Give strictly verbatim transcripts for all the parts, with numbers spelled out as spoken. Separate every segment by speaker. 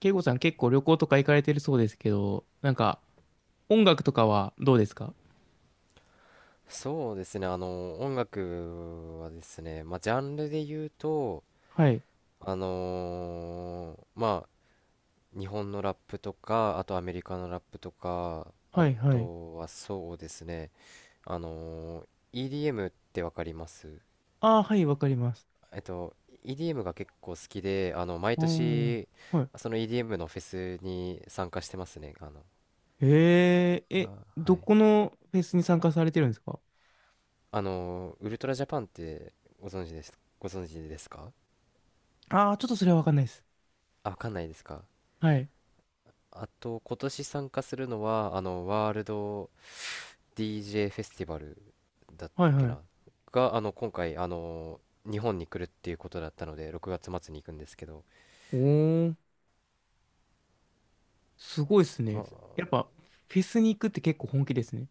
Speaker 1: 慶吾さん結構旅行とか行かれてるそうですけど、なんか音楽とかはどうですか？
Speaker 2: そうですね、あの、音楽はですね、まあ、ジャンルで言うと、
Speaker 1: はい。
Speaker 2: あのーまあ、日本のラップとか、あとアメリカのラップとか、あ
Speaker 1: はい、はい。
Speaker 2: とはそうですね、あのー イーディーエム ってわかります？
Speaker 1: ああ、はい、わかります。
Speaker 2: えっと、イーディーエム が結構好きで、あの、毎
Speaker 1: うん。
Speaker 2: 年、
Speaker 1: は
Speaker 2: その イーディーエム のフェスに参加してますね。あの、
Speaker 1: い。へえー、え、
Speaker 2: あ、は
Speaker 1: ど
Speaker 2: い。
Speaker 1: このフェスに参加されてるんですか？
Speaker 2: あのーウルトラジャパンってご存知です、ご存知ですか？
Speaker 1: ああー、ちょっとそれはわかんないです。
Speaker 2: あ、わかんないですか？
Speaker 1: はい。
Speaker 2: あと、今年参加するのは、あの、ワールド ディージェー フェスティバルだっ
Speaker 1: はい、
Speaker 2: け
Speaker 1: はい。
Speaker 2: な、が、あの、今回、あの、日本に来るっていうことだったので、ろくがつ末に行くんですけど。
Speaker 1: おー、すごいですね。やっ
Speaker 2: あ
Speaker 1: ぱ、フェスに行くって結構本気ですね。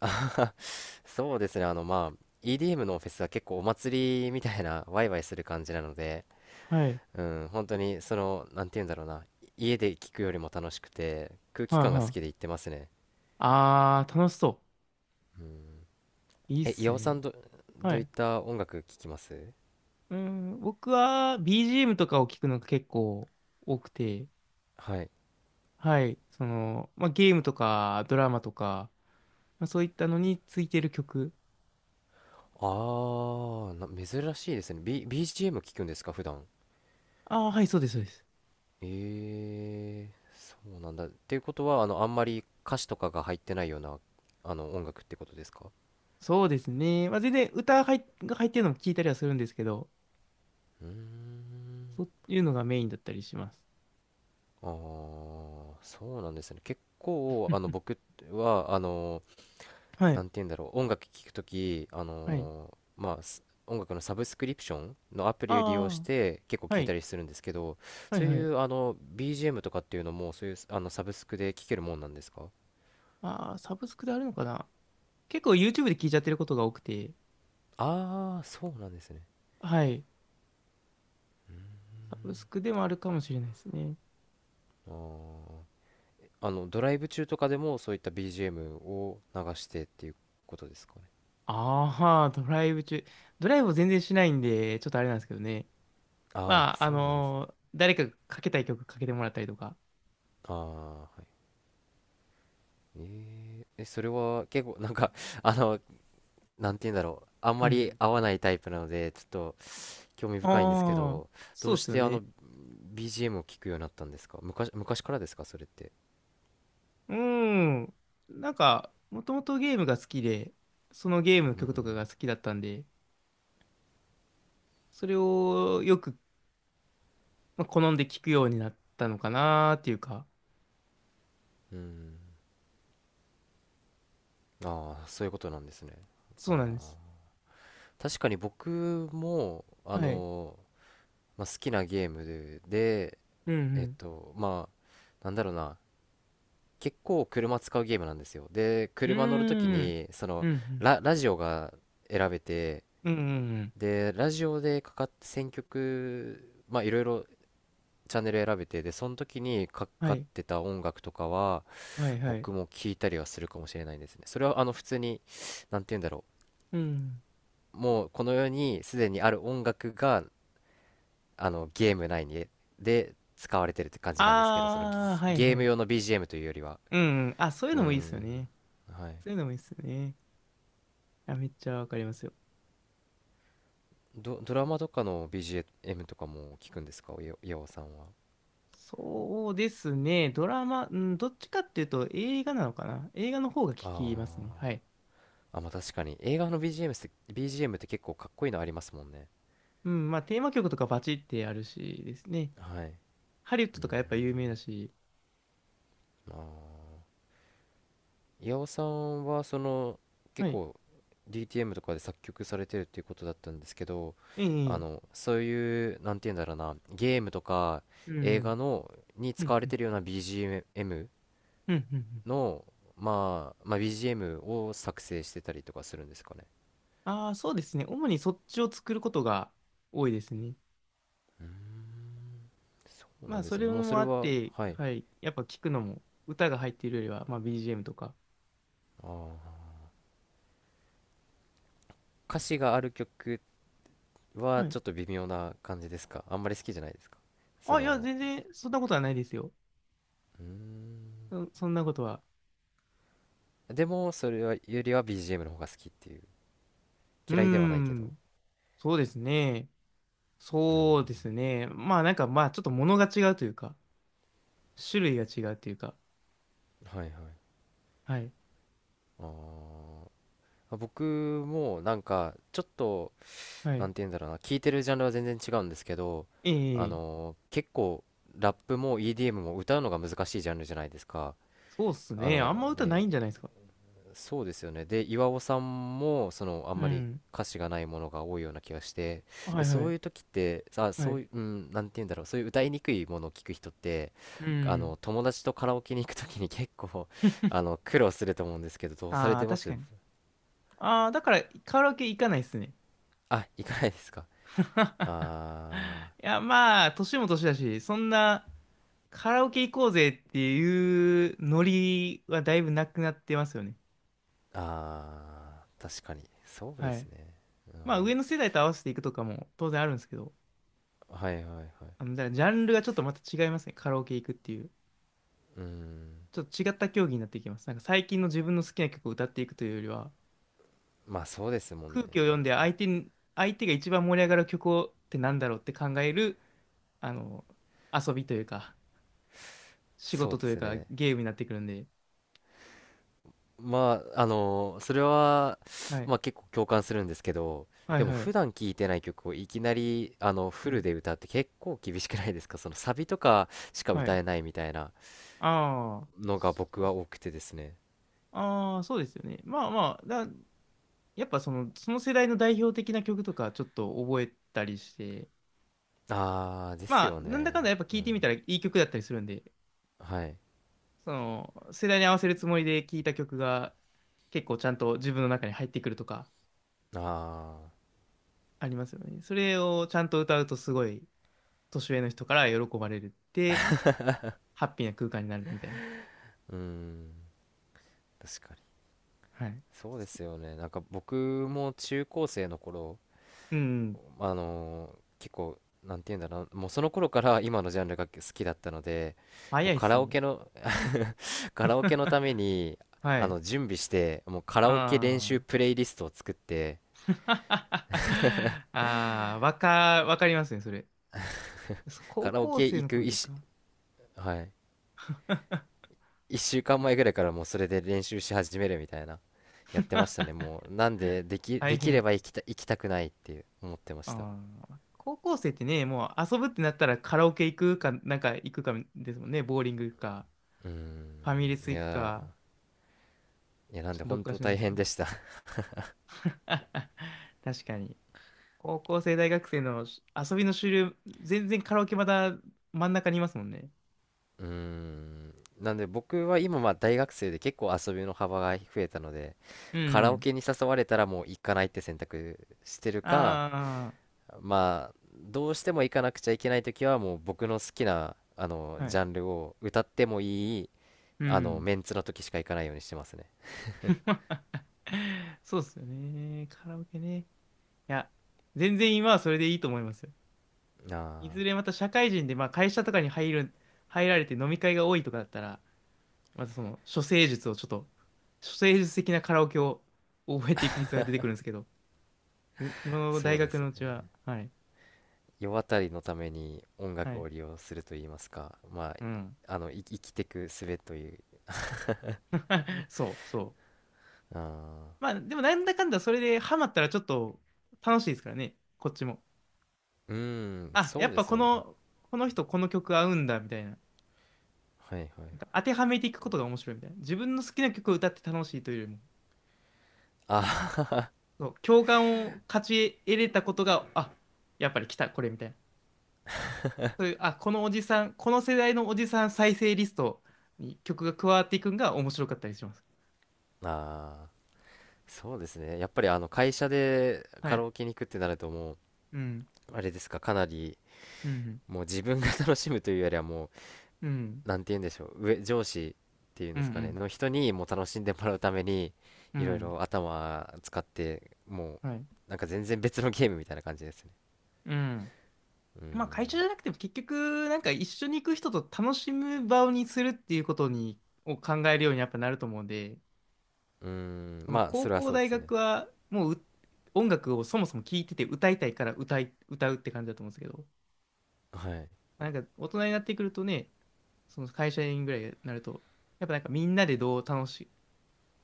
Speaker 2: あ、 そうですね、あの、まあ、イーディーエム のフェスは結構お祭りみたいな、ワイワイする感じなので、
Speaker 1: はい。
Speaker 2: うん、本当に、その、なんて言うんだろうな、家で聞くよりも楽しくて、空気
Speaker 1: はい、
Speaker 2: 感が好
Speaker 1: は
Speaker 2: きで
Speaker 1: い。
Speaker 2: 行ってますね。
Speaker 1: ああ、楽しそ
Speaker 2: うん。
Speaker 1: う。いいっ
Speaker 2: え、
Speaker 1: す
Speaker 2: 岩尾さ
Speaker 1: ね。
Speaker 2: んど、ど
Speaker 1: は
Speaker 2: ういっ
Speaker 1: い。
Speaker 2: た音楽聴きます？
Speaker 1: うん、僕は ビージーエム とかを聞くのが結構多くて、
Speaker 2: はい。
Speaker 1: はい、その、まあ、ゲームとかドラマとか、まあ、そういったのについてる曲。
Speaker 2: ああ、な、珍しいですね。B、ビージーエム 聞くんですか、普段。
Speaker 1: ああ、はい、そうです、そうです。
Speaker 2: ええ、そうなんだ。っていうことは、あの、あんまり歌詞とかが入ってないような、あの、音楽ってことですか？
Speaker 1: そうですね。まあ、全然歌入っが入ってるのも聞いたりはするんですけど、
Speaker 2: うーん。
Speaker 1: そういうのがメインだったりします。
Speaker 2: ああ、そうなんですね。結構、あの、僕は、あの、
Speaker 1: は
Speaker 2: な
Speaker 1: い、
Speaker 2: んて言うんだろう、音楽聴くとき、あ
Speaker 1: はい。
Speaker 2: のーまあ、す音楽のサブスクリプションのアプリを利用し
Speaker 1: ああ、
Speaker 2: て結構
Speaker 1: は
Speaker 2: 聴いた
Speaker 1: い、
Speaker 2: りするんですけど、
Speaker 1: はい、
Speaker 2: そう
Speaker 1: は
Speaker 2: い
Speaker 1: い。
Speaker 2: うあの ビージーエム とかっていうのも、そういうあのサブスクで聴けるもんなんですか？
Speaker 1: ああ、サブスクであるのかな。結構 YouTube で聞いちゃってることが多くて、
Speaker 2: ああー、そうなんですね。
Speaker 1: はい、サブスクでもあるかもしれないですね。
Speaker 2: あーあの、ドライブ中とかでもそういった ビージーエム を流してっていうことですかね。
Speaker 1: ああ、ドライブ中。ドライブを全然しないんで、ちょっとあれなんですけどね。
Speaker 2: あ
Speaker 1: ま
Speaker 2: あ、
Speaker 1: あ、あ
Speaker 2: そうなんですね。
Speaker 1: のー誰かがかけたい曲かけてもらったりとか。
Speaker 2: ああ、はい。えーえ、それは結構なんか あの、なんて言うんだろう。あん
Speaker 1: う
Speaker 2: まり
Speaker 1: ん。
Speaker 2: 合わないタイプなので、ちょっと興味深いんですけ
Speaker 1: ああ、
Speaker 2: ど、ど
Speaker 1: そうっ
Speaker 2: うし
Speaker 1: すよ
Speaker 2: てあの
Speaker 1: ね。
Speaker 2: ビージーエム を聞くようになったんですか？昔、昔からですか、それって？
Speaker 1: うん。なんか、もともとゲームが好きで、そのゲームの
Speaker 2: うん。
Speaker 1: 曲とかが好きだったんで、それをよく、まあ、好んで聴くようになったのかなーっていうか、
Speaker 2: うん。ああ、そういうことなんですね。あ
Speaker 1: そうなんで
Speaker 2: あ。
Speaker 1: す。
Speaker 2: 確かに僕も、あ
Speaker 1: はい。
Speaker 2: の、まあ、好きなゲームで、で
Speaker 1: う
Speaker 2: えっ
Speaker 1: ん
Speaker 2: と、まあ、なんだろうな。結構車使うゲームなんですよ。で、
Speaker 1: う
Speaker 2: 車乗るとき
Speaker 1: ん。うーん。
Speaker 2: に、そ
Speaker 1: う
Speaker 2: の、
Speaker 1: んうん。
Speaker 2: ラ、ラジオが選べて、
Speaker 1: うんうんうん。
Speaker 2: で、ラジオでかかって選曲、まあいろいろチャンネル選べて、で、その時にか
Speaker 1: は
Speaker 2: かっ
Speaker 1: い。
Speaker 2: てた音楽とかは、
Speaker 1: はいはい。
Speaker 2: 僕も聞いたりはするかもしれないですね。それは、あの、普通に、なんて言うんだろ
Speaker 1: うん。
Speaker 2: う。もう、この世にすでにある音楽が、あの、ゲーム内に、で、使われてるって感じなんですけど、その、ギ
Speaker 1: ああ、はい
Speaker 2: ゲ
Speaker 1: は
Speaker 2: ーム
Speaker 1: い。
Speaker 2: 用の ビージーエム というよりは。
Speaker 1: うんうん。あ、そういう
Speaker 2: うー
Speaker 1: のもいいっすよ
Speaker 2: ん。
Speaker 1: ね。
Speaker 2: はい。
Speaker 1: そういうのもいいっすよね。や、めっちゃわかりますよ。
Speaker 2: ド、ドラマとかの ビージーエム とかも聞くんですか、およ岩尾さんは？
Speaker 1: そうですね。ドラマ、うん、どっちかっていうと映画なのかな。映画の方が効きますね。
Speaker 2: あ
Speaker 1: はい。
Speaker 2: あ。あ、まあ確かに。映画の ビージーエム って、ビージーエム って結構かっこいいのありますもんね。
Speaker 1: うん、まあテーマ曲とかバチってあるしですね。
Speaker 2: はい。
Speaker 1: ハリウッド
Speaker 2: うー
Speaker 1: とかやっぱ有名だ
Speaker 2: ん。
Speaker 1: し。
Speaker 2: あー岩尾さんはその
Speaker 1: は
Speaker 2: 結
Speaker 1: い。
Speaker 2: 構 ディーティーエム とかで作曲されてるっていうことだったんですけど、
Speaker 1: え
Speaker 2: あ
Speaker 1: え、
Speaker 2: のそういう、なんて言うんだろうな、ゲームとか
Speaker 1: うん、
Speaker 2: 映画のに
Speaker 1: う
Speaker 2: 使
Speaker 1: ん、
Speaker 2: われ
Speaker 1: う
Speaker 2: て
Speaker 1: ん、
Speaker 2: るような ビージーエム
Speaker 1: うん、うん。
Speaker 2: の、まあ、まあ、ビージーエム を作成してたりとかするんですかね？
Speaker 1: ああー、そうですね。主にそっちを作ることが多いですね。
Speaker 2: うん。そう
Speaker 1: ま
Speaker 2: な
Speaker 1: あ
Speaker 2: んで
Speaker 1: そ
Speaker 2: す
Speaker 1: れ
Speaker 2: ね。もうそ
Speaker 1: も
Speaker 2: れ
Speaker 1: あっ
Speaker 2: は、
Speaker 1: て、
Speaker 2: はい。
Speaker 1: はい。やっぱ聞くのも、歌が入っているよりは、まあ ビージーエム とか。
Speaker 2: あー歌詞がある曲は
Speaker 1: はい。
Speaker 2: ちょっと微妙な感じですか？あんまり好きじゃないですか、そ
Speaker 1: あ、いや、
Speaker 2: の？
Speaker 1: 全然そんなことはないですよ。
Speaker 2: うーん。
Speaker 1: そ、そんなことは。
Speaker 2: でもそれはよりは ビージーエム の方が好きっていう、
Speaker 1: うー
Speaker 2: 嫌いではないけど？
Speaker 1: ん。そうですね。
Speaker 2: うん、
Speaker 1: そうですね。まあなんかまあちょっと物が違うというか、種類が違うというか。
Speaker 2: はいはい。
Speaker 1: はい。
Speaker 2: あー、僕もなんかちょっと、
Speaker 1: は
Speaker 2: な
Speaker 1: い。
Speaker 2: んて言うんだろうな、聞いてるジャンルは全然違うんですけど、あ
Speaker 1: ええ、
Speaker 2: のー結構ラップも イーディーエム も歌うのが難しいジャンルじゃないですか？
Speaker 1: そうっす
Speaker 2: あ
Speaker 1: ね。あん
Speaker 2: の
Speaker 1: ま歌ないんじ
Speaker 2: で
Speaker 1: ゃないですか。
Speaker 2: そうですよね。で、岩尾さんも、その、あん
Speaker 1: う
Speaker 2: まり
Speaker 1: ん。
Speaker 2: 歌詞がないものが多いような気がして、
Speaker 1: は
Speaker 2: で、
Speaker 1: いは
Speaker 2: そう
Speaker 1: い。
Speaker 2: いう時って、さ、
Speaker 1: は
Speaker 2: そ
Speaker 1: い。
Speaker 2: ういう、うん、なんて言うんだろう、そういう歌いにくいものを聞く人って、
Speaker 1: う
Speaker 2: あ
Speaker 1: ん。
Speaker 2: の、友達とカラオケに行く時に結構、あ の、苦労すると思うんですけど、どうされ
Speaker 1: ああ、
Speaker 2: てま
Speaker 1: 確
Speaker 2: す？
Speaker 1: かに。ああ、だからカラオケ行かないっすね。
Speaker 2: あ、行かないですか？ あ
Speaker 1: いや、まあ、年も年だし、そんなカラオケ行こうぜっていうノリはだいぶなくなってますよね。
Speaker 2: ー、あー、確かに。そうで
Speaker 1: は
Speaker 2: す
Speaker 1: い。
Speaker 2: ね。うん、
Speaker 1: まあ、上の世代と合わせていくとかも当然あるんですけど。
Speaker 2: はいはいはい。
Speaker 1: あの、じゃジャンルがちょっとまた違いますね。カラオケ行くっていう。
Speaker 2: うん。
Speaker 1: ちょっと違った競技になっていきます。なんか最近の自分の好きな曲を歌っていくというよりは、
Speaker 2: まあそうですもんね。
Speaker 1: 空気を読んで相手に、相手が一番盛り上がる曲をってなんだろうって考える、あの、遊びというか、仕
Speaker 2: そう
Speaker 1: 事
Speaker 2: で
Speaker 1: という
Speaker 2: す
Speaker 1: か、
Speaker 2: ね。
Speaker 1: ゲームになってくるんで。
Speaker 2: まあ、あの、それは、
Speaker 1: はい。
Speaker 2: まあ結構共感するんですけど、
Speaker 1: は
Speaker 2: で
Speaker 1: い
Speaker 2: も
Speaker 1: は
Speaker 2: 普
Speaker 1: い。
Speaker 2: 段聴いてない曲をいきなり、あの、フ
Speaker 1: は
Speaker 2: ル
Speaker 1: い。
Speaker 2: で歌うって結構厳しくないですか？ そのサビとかしか
Speaker 1: は
Speaker 2: 歌
Speaker 1: い。
Speaker 2: えないみたいな
Speaker 1: ああ、
Speaker 2: のが僕
Speaker 1: そうっ
Speaker 2: は
Speaker 1: す、
Speaker 2: 多くてですね。
Speaker 1: ああ、そうですよね。まあまあ、だ、やっぱその、その世代の代表的な曲とかちょっと覚えたりして、
Speaker 2: ああ、です
Speaker 1: まあ、
Speaker 2: よ
Speaker 1: なんだかんだ
Speaker 2: ね。
Speaker 1: やっぱ
Speaker 2: う
Speaker 1: 聴いてみ
Speaker 2: ん。
Speaker 1: たらいい曲だったりするんで、
Speaker 2: はい。
Speaker 1: その、世代に合わせるつもりで聴いた曲が結構ちゃんと自分の中に入ってくるとか
Speaker 2: ああ、
Speaker 1: ありますよね。それをちゃんと歌うとすごい年上の人から喜ばれるって、ハッピーな空間になるみたいな。
Speaker 2: うん。確かに。
Speaker 1: はい。
Speaker 2: そうですよね。なんか僕も中高生の頃、
Speaker 1: うん。
Speaker 2: あのー結構、なんて言うんだろう、もうその頃から今のジャンルが好きだったので、も
Speaker 1: 早
Speaker 2: う
Speaker 1: いっ
Speaker 2: カ
Speaker 1: す
Speaker 2: ラオ
Speaker 1: ね。
Speaker 2: ケのカラオケのた めに
Speaker 1: は
Speaker 2: あ
Speaker 1: い。
Speaker 2: の準備して、もうカラオケ練
Speaker 1: あ
Speaker 2: 習
Speaker 1: あ。
Speaker 2: プレイリストを作って、
Speaker 1: ああ、わか、わかりますね、それ。そ高
Speaker 2: カラオ
Speaker 1: 校
Speaker 2: ケ
Speaker 1: 生
Speaker 2: 行
Speaker 1: の
Speaker 2: く
Speaker 1: 頃
Speaker 2: 一
Speaker 1: で
Speaker 2: し、
Speaker 1: か。
Speaker 2: はい、いっしゅうかんまえぐらいからもうそれで練習し始めるみたいな、やってましたね。も うなんで、でき、
Speaker 1: 大
Speaker 2: できれ
Speaker 1: 変。
Speaker 2: ば行きた、行きたくないっていう思ってました。
Speaker 1: ああ、高校生ってね、もう遊ぶってなったらカラオケ行くか、なんか行くかですもんね。ボーリング行くか、
Speaker 2: うー
Speaker 1: ファミレ
Speaker 2: ん、
Speaker 1: ス
Speaker 2: い
Speaker 1: 行く
Speaker 2: や
Speaker 1: か、
Speaker 2: ー、いや、な
Speaker 1: ち
Speaker 2: ん
Speaker 1: ょっ
Speaker 2: で
Speaker 1: とどっ
Speaker 2: 本
Speaker 1: か
Speaker 2: 当
Speaker 1: しない
Speaker 2: 大
Speaker 1: ですけ
Speaker 2: 変
Speaker 1: ど。
Speaker 2: でした。
Speaker 1: 確かに。高校生、大学生のし遊びの主流、全然カラオケまだ真ん中にいますもんね。
Speaker 2: うーん、なんで僕は今まあ大学生で結構遊びの幅が増えたので、
Speaker 1: う
Speaker 2: カラオ
Speaker 1: ん。
Speaker 2: ケに誘われたらもう行かないって選択してるか、
Speaker 1: あ
Speaker 2: まあどうしても行かなくちゃいけない時はもう僕の好きなあの
Speaker 1: あ、は
Speaker 2: ジ
Speaker 1: い。
Speaker 2: ャンルを歌ってもいい
Speaker 1: う
Speaker 2: あの
Speaker 1: ん。
Speaker 2: メンツの時しか行かないようにしてますね。
Speaker 1: そうっすよね。カラオケね。いや、全然今はそれでいいと思いますよ。い
Speaker 2: あ
Speaker 1: ずれま
Speaker 2: あ、
Speaker 1: た社会人で、まあ会社とかに入る、入られて飲み会が多いとかだったら、まずその、処世術をちょっと、処世術的なカラオケを覚えていく必要が出てくるんですけど、で今の
Speaker 2: そ
Speaker 1: 大
Speaker 2: うで
Speaker 1: 学
Speaker 2: す
Speaker 1: のうち
Speaker 2: ね。
Speaker 1: は、はい、
Speaker 2: 世渡りのために音
Speaker 1: は
Speaker 2: 楽
Speaker 1: い、
Speaker 2: を利用すると言いますか、まあ、
Speaker 1: うん。
Speaker 2: あのい生きてく術という。
Speaker 1: そう、そう。
Speaker 2: あ
Speaker 1: ま
Speaker 2: あ、
Speaker 1: あ、でもなんだかんだそれでハマったらちょっと楽しいですからね、こっちも。
Speaker 2: うーん、
Speaker 1: あ、や
Speaker 2: そう
Speaker 1: っ
Speaker 2: で
Speaker 1: ぱ
Speaker 2: す
Speaker 1: こ
Speaker 2: よね。
Speaker 1: の、この人この曲合うんだ、みたいな。
Speaker 2: はいはい。
Speaker 1: なんか当てはめていくことが面白いみたいな。自分の好きな曲を歌って楽しいというよりも、
Speaker 2: あ
Speaker 1: そう、共感を勝ち得れたことが、あ、やっぱり来た、これみたいな。そういう、あ、このおじさん、この世代のおじさん再生リストに曲が加わっていくんが面白かったりします。
Speaker 2: あ、そうですね。やっぱりあの会社で
Speaker 1: は
Speaker 2: カラ
Speaker 1: い。
Speaker 2: オケに行くってなるともう
Speaker 1: うん。
Speaker 2: あれですか、かなり
Speaker 1: うん。
Speaker 2: もう自分が楽しむというよりは、もう、
Speaker 1: うん。
Speaker 2: なんて言うんでしょう、上、上司っていうん
Speaker 1: う
Speaker 2: で
Speaker 1: ん。う
Speaker 2: すかね、
Speaker 1: ん。
Speaker 2: の人にもう楽しんでもらうために、
Speaker 1: う
Speaker 2: いろい
Speaker 1: ん
Speaker 2: ろ頭使って、も
Speaker 1: はい。
Speaker 2: う、なんか全然別のゲームみたいな感じですね。
Speaker 1: うん。
Speaker 2: うん。
Speaker 1: まあ、会社じゃなくても結局、なんか一緒に行く人と楽しむ場にするっていうことに、を考えるようにやっぱなると思うんで、
Speaker 2: うーん、
Speaker 1: その
Speaker 2: まあ、
Speaker 1: 高
Speaker 2: それは
Speaker 1: 校、
Speaker 2: そうで
Speaker 1: 大
Speaker 2: すね。
Speaker 1: 学はもうう音楽をそもそも聴いてて歌いたいから歌い、歌うって感じだと思うんですけど、
Speaker 2: はい。
Speaker 1: なんか大人になってくるとね、その会社員ぐらいになると、やっぱなんかみんなでどう楽し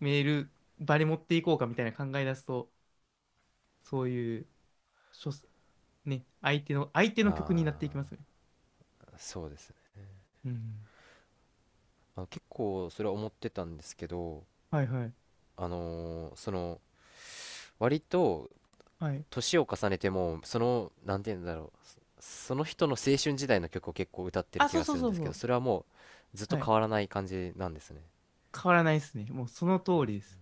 Speaker 1: める場に持っていこうかみたいな考え出すと、そういう、諸ね、相手の、相手の曲になっていきますよ
Speaker 2: あ
Speaker 1: ね。
Speaker 2: あ、そうですね。
Speaker 1: うん。
Speaker 2: まあ、結構、それは思ってたんですけど、
Speaker 1: はいはい。
Speaker 2: あのーその、割と、
Speaker 1: はい。
Speaker 2: 年を重ねても、その、なんて言うんだろう、そその人の青春時代の曲を結構歌ってる
Speaker 1: あ、
Speaker 2: 気
Speaker 1: そう
Speaker 2: が
Speaker 1: そ
Speaker 2: す
Speaker 1: う
Speaker 2: るん
Speaker 1: そう
Speaker 2: です
Speaker 1: そ
Speaker 2: けど、
Speaker 1: う。
Speaker 2: それはもう、ずっと
Speaker 1: はい。
Speaker 2: 変わらない感じなんですね。
Speaker 1: 変わらないですね。もうその通りです。